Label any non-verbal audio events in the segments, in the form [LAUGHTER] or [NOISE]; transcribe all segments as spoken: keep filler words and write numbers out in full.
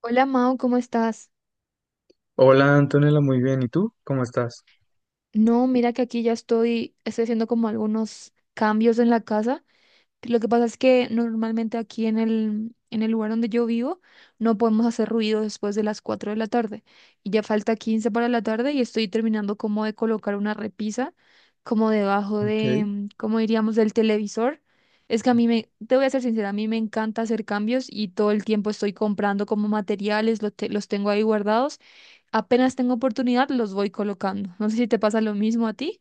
Hola Mau, ¿cómo estás? Hola Antonella, muy bien. ¿Y tú? ¿Cómo estás? No, mira que aquí ya estoy, estoy haciendo como algunos cambios en la casa. Lo que pasa es que normalmente aquí en el, en el lugar donde yo vivo no podemos hacer ruido después de las cuatro de la tarde. Y ya falta quince para la tarde y estoy terminando como de colocar una repisa como debajo Ok. de, mm, ¿cómo diríamos?, del televisor. Es que a mí me, te voy a ser sincera, a mí me encanta hacer cambios y todo el tiempo estoy comprando como materiales, los, te- los tengo ahí guardados. Apenas tengo oportunidad, los voy colocando. No sé si te pasa lo mismo a ti.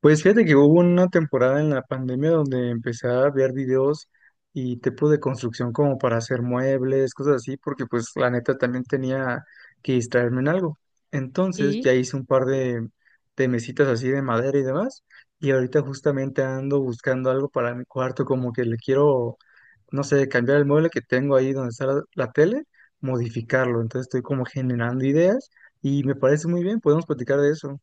Pues fíjate que hubo una temporada en la pandemia donde empecé a ver videos y tipo de construcción como para hacer muebles, cosas así, porque pues la neta también tenía que distraerme en algo. Entonces ya Sí. hice un par de, de mesitas así de madera y demás. Y ahorita justamente ando buscando algo para mi cuarto, como que le quiero no sé, cambiar el mueble que tengo ahí donde está la, la tele, modificarlo. Entonces estoy como generando ideas y me parece muy bien, podemos platicar de eso.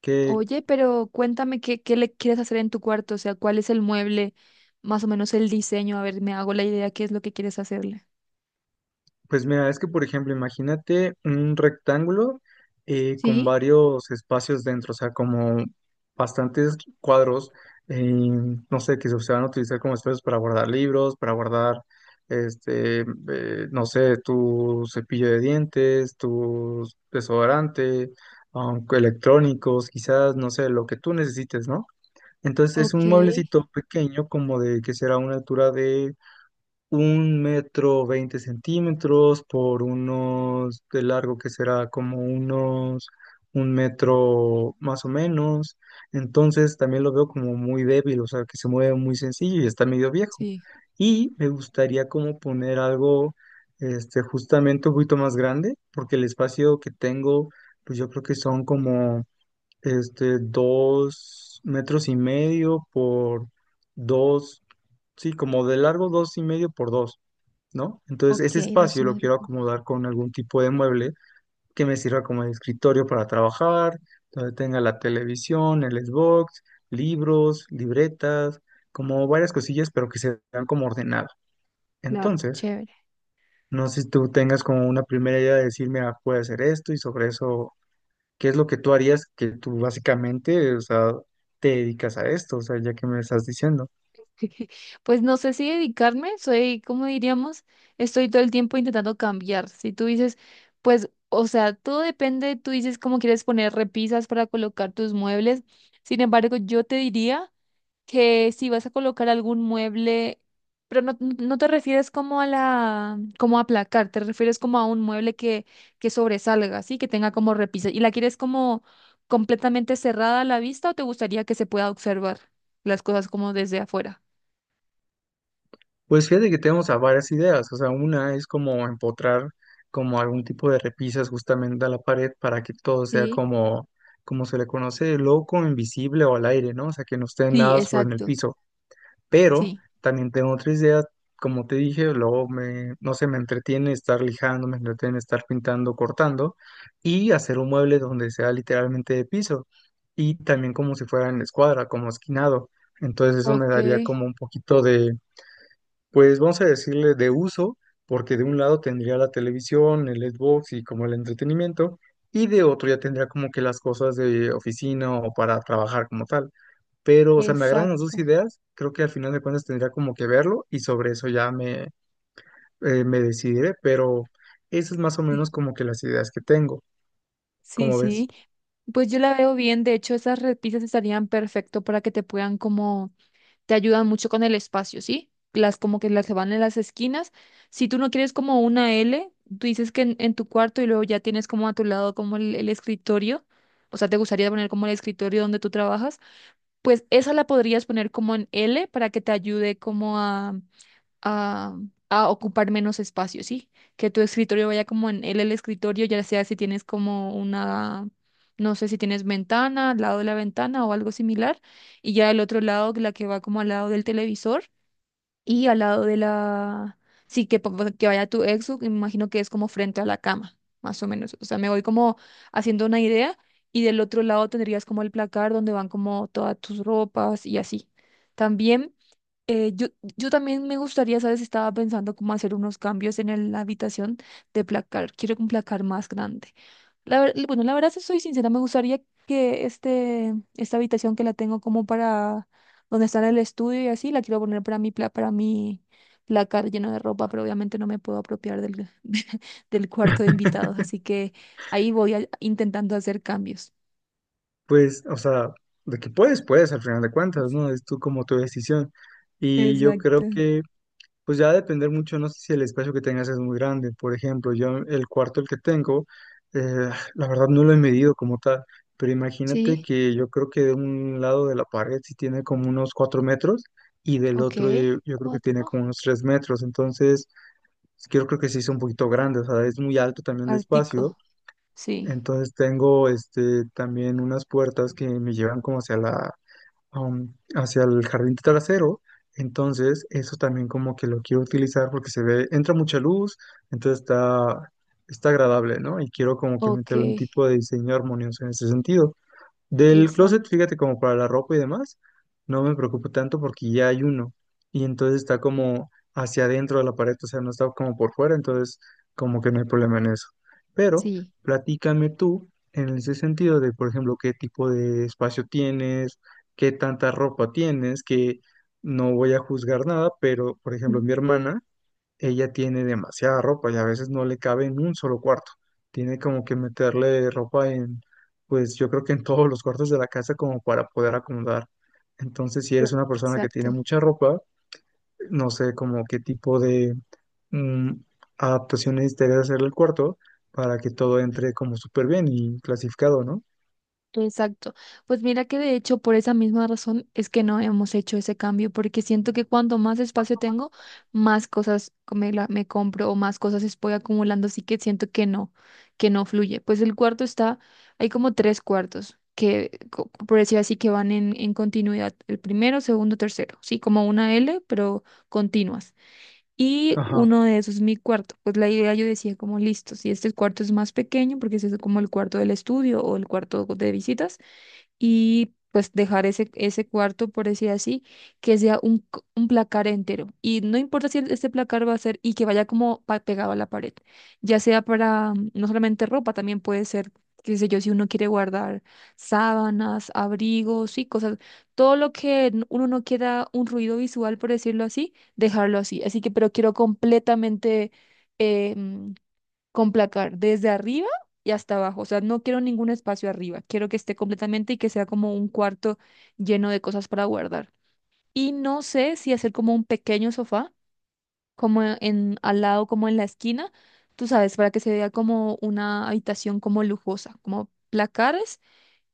¿Qué, Oye, pero cuéntame qué, qué le quieres hacer en tu cuarto, o sea, cuál es el mueble, más o menos el diseño, a ver, me hago la idea qué es lo que quieres hacerle. pues mira, es que por ejemplo, imagínate un rectángulo eh, con Sí, varios espacios dentro, o sea, como bastantes cuadros, eh, no sé, que se van a utilizar como espacios para guardar libros, para guardar, este, eh, no sé, tu cepillo de dientes, tu desodorante, um, electrónicos, quizás, no sé, lo que tú necesites, ¿no? Entonces es ok. un mueblecito pequeño, como de que será una altura de un metro veinte centímetros por unos de largo que será como unos un metro más o menos. Entonces también lo veo como muy débil, o sea, que se mueve muy sencillo y está medio viejo. Sí, Y me gustaría como poner algo este, justamente un poquito más grande, porque el espacio que tengo, pues yo creo que son como este, dos metros y medio por dos, sí, como de largo dos y medio por dos. ¿No? Entonces, ok, ese dos y espacio lo medio. quiero acomodar con algún tipo de mueble que me sirva como de escritorio para trabajar, donde tenga la televisión, el Xbox, libros, libretas, como varias cosillas, pero que se vean como ordenado. Claro, Entonces, chévere. no sé si tú tengas como una primera idea de decirme, ah, puede hacer esto y sobre eso, ¿qué es lo que tú harías que tú básicamente, o sea, te dedicas a esto, o sea, ya que me estás diciendo? [LAUGHS] Pues no sé si dedicarme, soy, como diríamos, estoy todo el tiempo intentando cambiar. Si tú dices, pues, o sea, todo depende, tú dices cómo quieres poner repisas para colocar tus muebles. Sin embargo, yo te diría que si vas a colocar algún mueble, pero no, no no te refieres como a la, como a placar, te refieres como a un mueble que, que sobresalga, ¿sí? Que tenga como repisas. ¿Y la quieres como completamente cerrada a la vista o te gustaría que se pueda observar las cosas como desde afuera? Pues fíjate que tenemos a varias ideas, o sea, una es como empotrar como algún tipo de repisas justamente a la pared para que todo sea Sí, como, como se le conoce, loco, invisible o al aire, ¿no? O sea, que no esté sí, nada sobre en el exacto, piso. Pero sí. también tengo otra idea, como te dije, luego me, no sé, me entretiene estar lijando, me entretiene estar pintando, cortando y hacer un mueble donde sea literalmente de piso y también como si fuera en escuadra, como esquinado. Entonces eso me Ok, daría como un poquito pues vamos a decirle de uso, porque de un lado tendría la televisión, el Xbox y como el entretenimiento, y de otro ya tendría como que las cosas de oficina o para trabajar como tal. Pero, o sea, me agradan las dos exacto. ideas, creo que al final de cuentas tendría como que verlo y sobre eso ya me, eh, me decidiré, pero esas es más o Sí, menos como que las ideas que tengo, sí, como ves? sí. Pues yo la veo bien, de hecho esas repisas estarían perfecto para que te puedan como, te ayudan mucho con el espacio, ¿sí? Las como que las que van en las esquinas. Si tú no quieres como una L, tú dices que en, en tu cuarto y luego ya tienes como a tu lado como el, el escritorio, o sea, te gustaría poner como el escritorio donde tú trabajas, pues esa la podrías poner como en L para que te ayude como a a, a ocupar menos espacio, ¿sí? Que tu escritorio vaya como en él el escritorio, ya sea si tienes como una, no sé si tienes ventana, al lado de la ventana o algo similar, y ya el otro lado, la que va como al lado del televisor y al lado de la, sí, que, pa- que vaya tu exo, me imagino que es como frente a la cama, más o menos. O sea, me voy como haciendo una idea. Y del otro lado tendrías como el placar donde van como todas tus ropas y así. También eh, yo, yo también me gustaría, ¿sabes? Estaba pensando cómo hacer unos cambios en el- la habitación de placar. Quiero un placar más grande. La, ver- bueno, la verdad, si soy sincera, me gustaría que este, esta habitación que la tengo como para donde está el estudio y así, la quiero poner para mi, pla- para mi placar lleno de ropa, pero obviamente no me puedo apropiar del, [LAUGHS] del cuarto de invitados. Así que ahí voy a- intentando hacer cambios. Pues, o sea, de que puedes, puedes al final de cuentas, ¿no? Es tú como tu decisión. Y yo creo Exacto. que... Pues ya va a depender mucho, no sé si el espacio que tengas es muy grande. Por ejemplo, yo el cuarto el que tengo, eh, la verdad no lo he medido como tal, pero imagínate Sí, que yo creo que de un lado de la pared sí tiene como unos cuatro metros y del ok. otro yo, yo creo que tiene Cuatro. como unos tres metros. Entonces, yo creo que sí es un poquito grande, o sea, es muy alto también de espacio. Artico, sí. Entonces tengo este, también unas puertas que me llevan como hacia la, um, hacia el jardín trasero. Entonces, eso también como que lo quiero utilizar porque se ve, entra mucha luz, entonces está, está agradable, ¿no? Y quiero como que Ok, meterle un tipo de diseño armonioso en ese sentido. Del closet, exacto, fíjate, como para la ropa y demás, no me preocupo tanto porque ya hay uno. Y entonces está como hacia adentro de la pared, o sea, no está como por fuera, entonces como que no hay problema en eso. Pero sí. platícame tú en ese sentido de, por ejemplo, qué tipo de espacio tienes, qué tanta ropa tienes, que no voy a juzgar nada, pero, por Mm. ejemplo, mi hermana ella tiene demasiada ropa y a veces no le cabe en un solo cuarto. Tiene como que meterle ropa en, pues yo creo que en todos los cuartos de la casa como para poder acomodar. Entonces, si eres una persona que tiene Exacto, mucha ropa, no sé como qué tipo de mm, adaptaciones te debe hacer el cuarto para que todo entre como súper bien y clasificado, ¿no? exacto. Pues mira que de hecho por esa misma razón es que no hemos hecho ese cambio, porque siento que cuanto más espacio tengo, más cosas me, la- me compro o más cosas estoy acumulando, así que siento que no, que no fluye. Pues el cuarto está, hay como tres cuartos que, co- por decir así, que van en, en continuidad, el primero, segundo, tercero, sí, como una L, pero continuas. Y Ajá. uno de esos es mi cuarto. Pues la idea yo decía como listo, si este cuarto es más pequeño, porque ese es como el cuarto del estudio o el cuarto de visitas, y pues dejar ese, ese cuarto, por decir así, que sea un, c- un placar entero. Y no importa si este placar va a ser y que vaya como pa- pegado a la pared, ya sea para mm, no solamente ropa, también puede ser, qué sé yo, si uno quiere guardar sábanas, abrigos y cosas, todo lo que n- uno no quiera un ruido visual, por decirlo así, dejarlo así. Así que, pero quiero completamente... em, con placar desde arriba y hasta abajo. O sea, no quiero ningún espacio arriba. Quiero que esté completamente y que sea como un cuarto lleno de cosas para guardar. Y no sé si hacer como un pequeño sofá, como en al lado, como en la esquina, tú sabes, para que se vea como una habitación como lujosa, como placares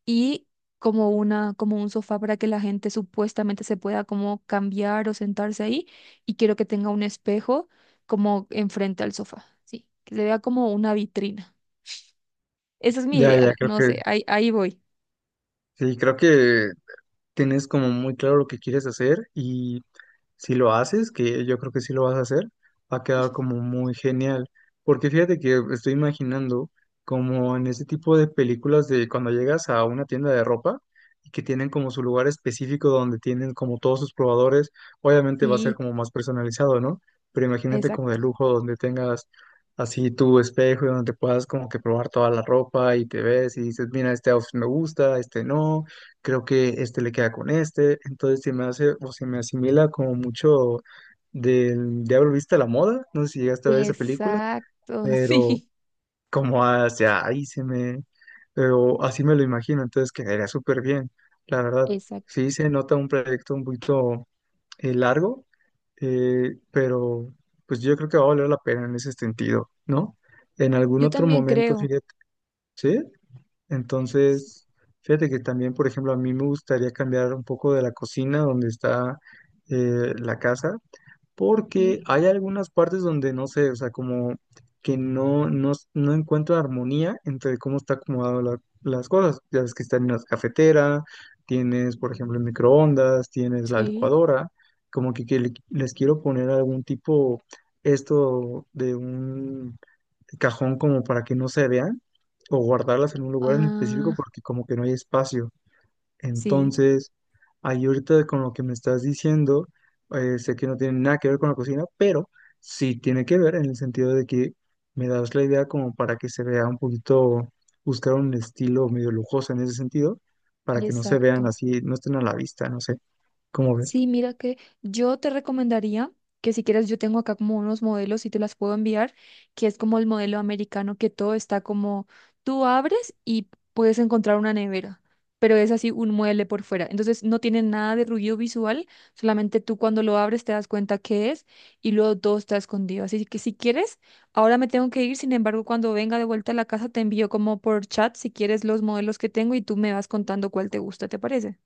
y como una, como un sofá para que la gente supuestamente se pueda como cambiar o sentarse ahí. Y quiero que tenga un espejo como enfrente al sofá, sí, que se vea como una vitrina. Esa es mi Ya, ya, idea, creo no que, sé, ahí, ahí voy. sí, creo que tienes como muy claro lo que quieres hacer y si lo haces, que yo creo que sí lo vas a hacer, va a quedar como muy genial. Porque fíjate que estoy imaginando como en ese tipo de películas de cuando llegas a una tienda de ropa y que tienen como su lugar específico donde tienen como todos sus probadores, obviamente va a ser Sí, como más personalizado, ¿no? Pero imagínate como de exacto. lujo donde tengas así tu espejo y donde puedas como que probar toda la ropa y te ves y dices, mira, este outfit me gusta, este no creo que este le queda con este, entonces se me hace o se me asimila como mucho del Diablo Viste a la Moda, no sé si llegaste a ver esa película, Exacto, [LAUGHS] pero sí, como hacia ahí se me, pero así me lo imagino, entonces quedaría súper bien, la verdad, exacto. sí se nota un proyecto un poquito eh, largo, eh, pero pues yo creo que va a valer la pena en ese sentido, ¿no? En algún Yo otro también momento, creo. fíjate, ¿sí? Sí, Entonces, fíjate que también, por ejemplo, a mí me gustaría cambiar un poco de la cocina donde está eh, la casa, porque ok, hay algunas partes donde no sé, o sea, como que no, no, no encuentro armonía entre cómo está acomodado la- las cosas. Ya ves que está en una cafetera, tienes, por ejemplo, el microondas, tienes la sí, licuadora, como que, que le- les quiero poner algún tipo esto de un cajón como para que no se vean o guardarlas en un lugar en ah, específico porque como que no hay espacio. sí, Entonces, ahí ahorita con lo que me estás diciendo, eh, sé que no tiene nada que ver con la cocina, pero sí tiene que ver en el sentido de que me das la idea como para que se vea un poquito, buscar un estilo medio lujoso en ese sentido, para que no se vean exacto. así, no estén a la vista, no sé, ¿cómo ves? Sí, mira que yo te recomendaría que si quieres, yo tengo acá como unos modelos y te las puedo enviar, que es como el modelo americano, que todo está como tú abres y puedes encontrar una nevera, pero es así un mueble por fuera. Entonces no tiene nada de ruido visual, solamente tú cuando lo abres te das cuenta qué es y luego todo está escondido. Así que si quieres, ahora me tengo que ir, sin embargo, cuando venga de vuelta a la casa te envío como por chat si quieres los modelos que tengo y tú me vas contando cuál te gusta, ¿te parece?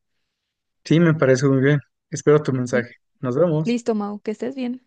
Sí, me parece muy bien. Espero tu Li- mensaje. Nos vemos. Listo, Mau, que estés bien.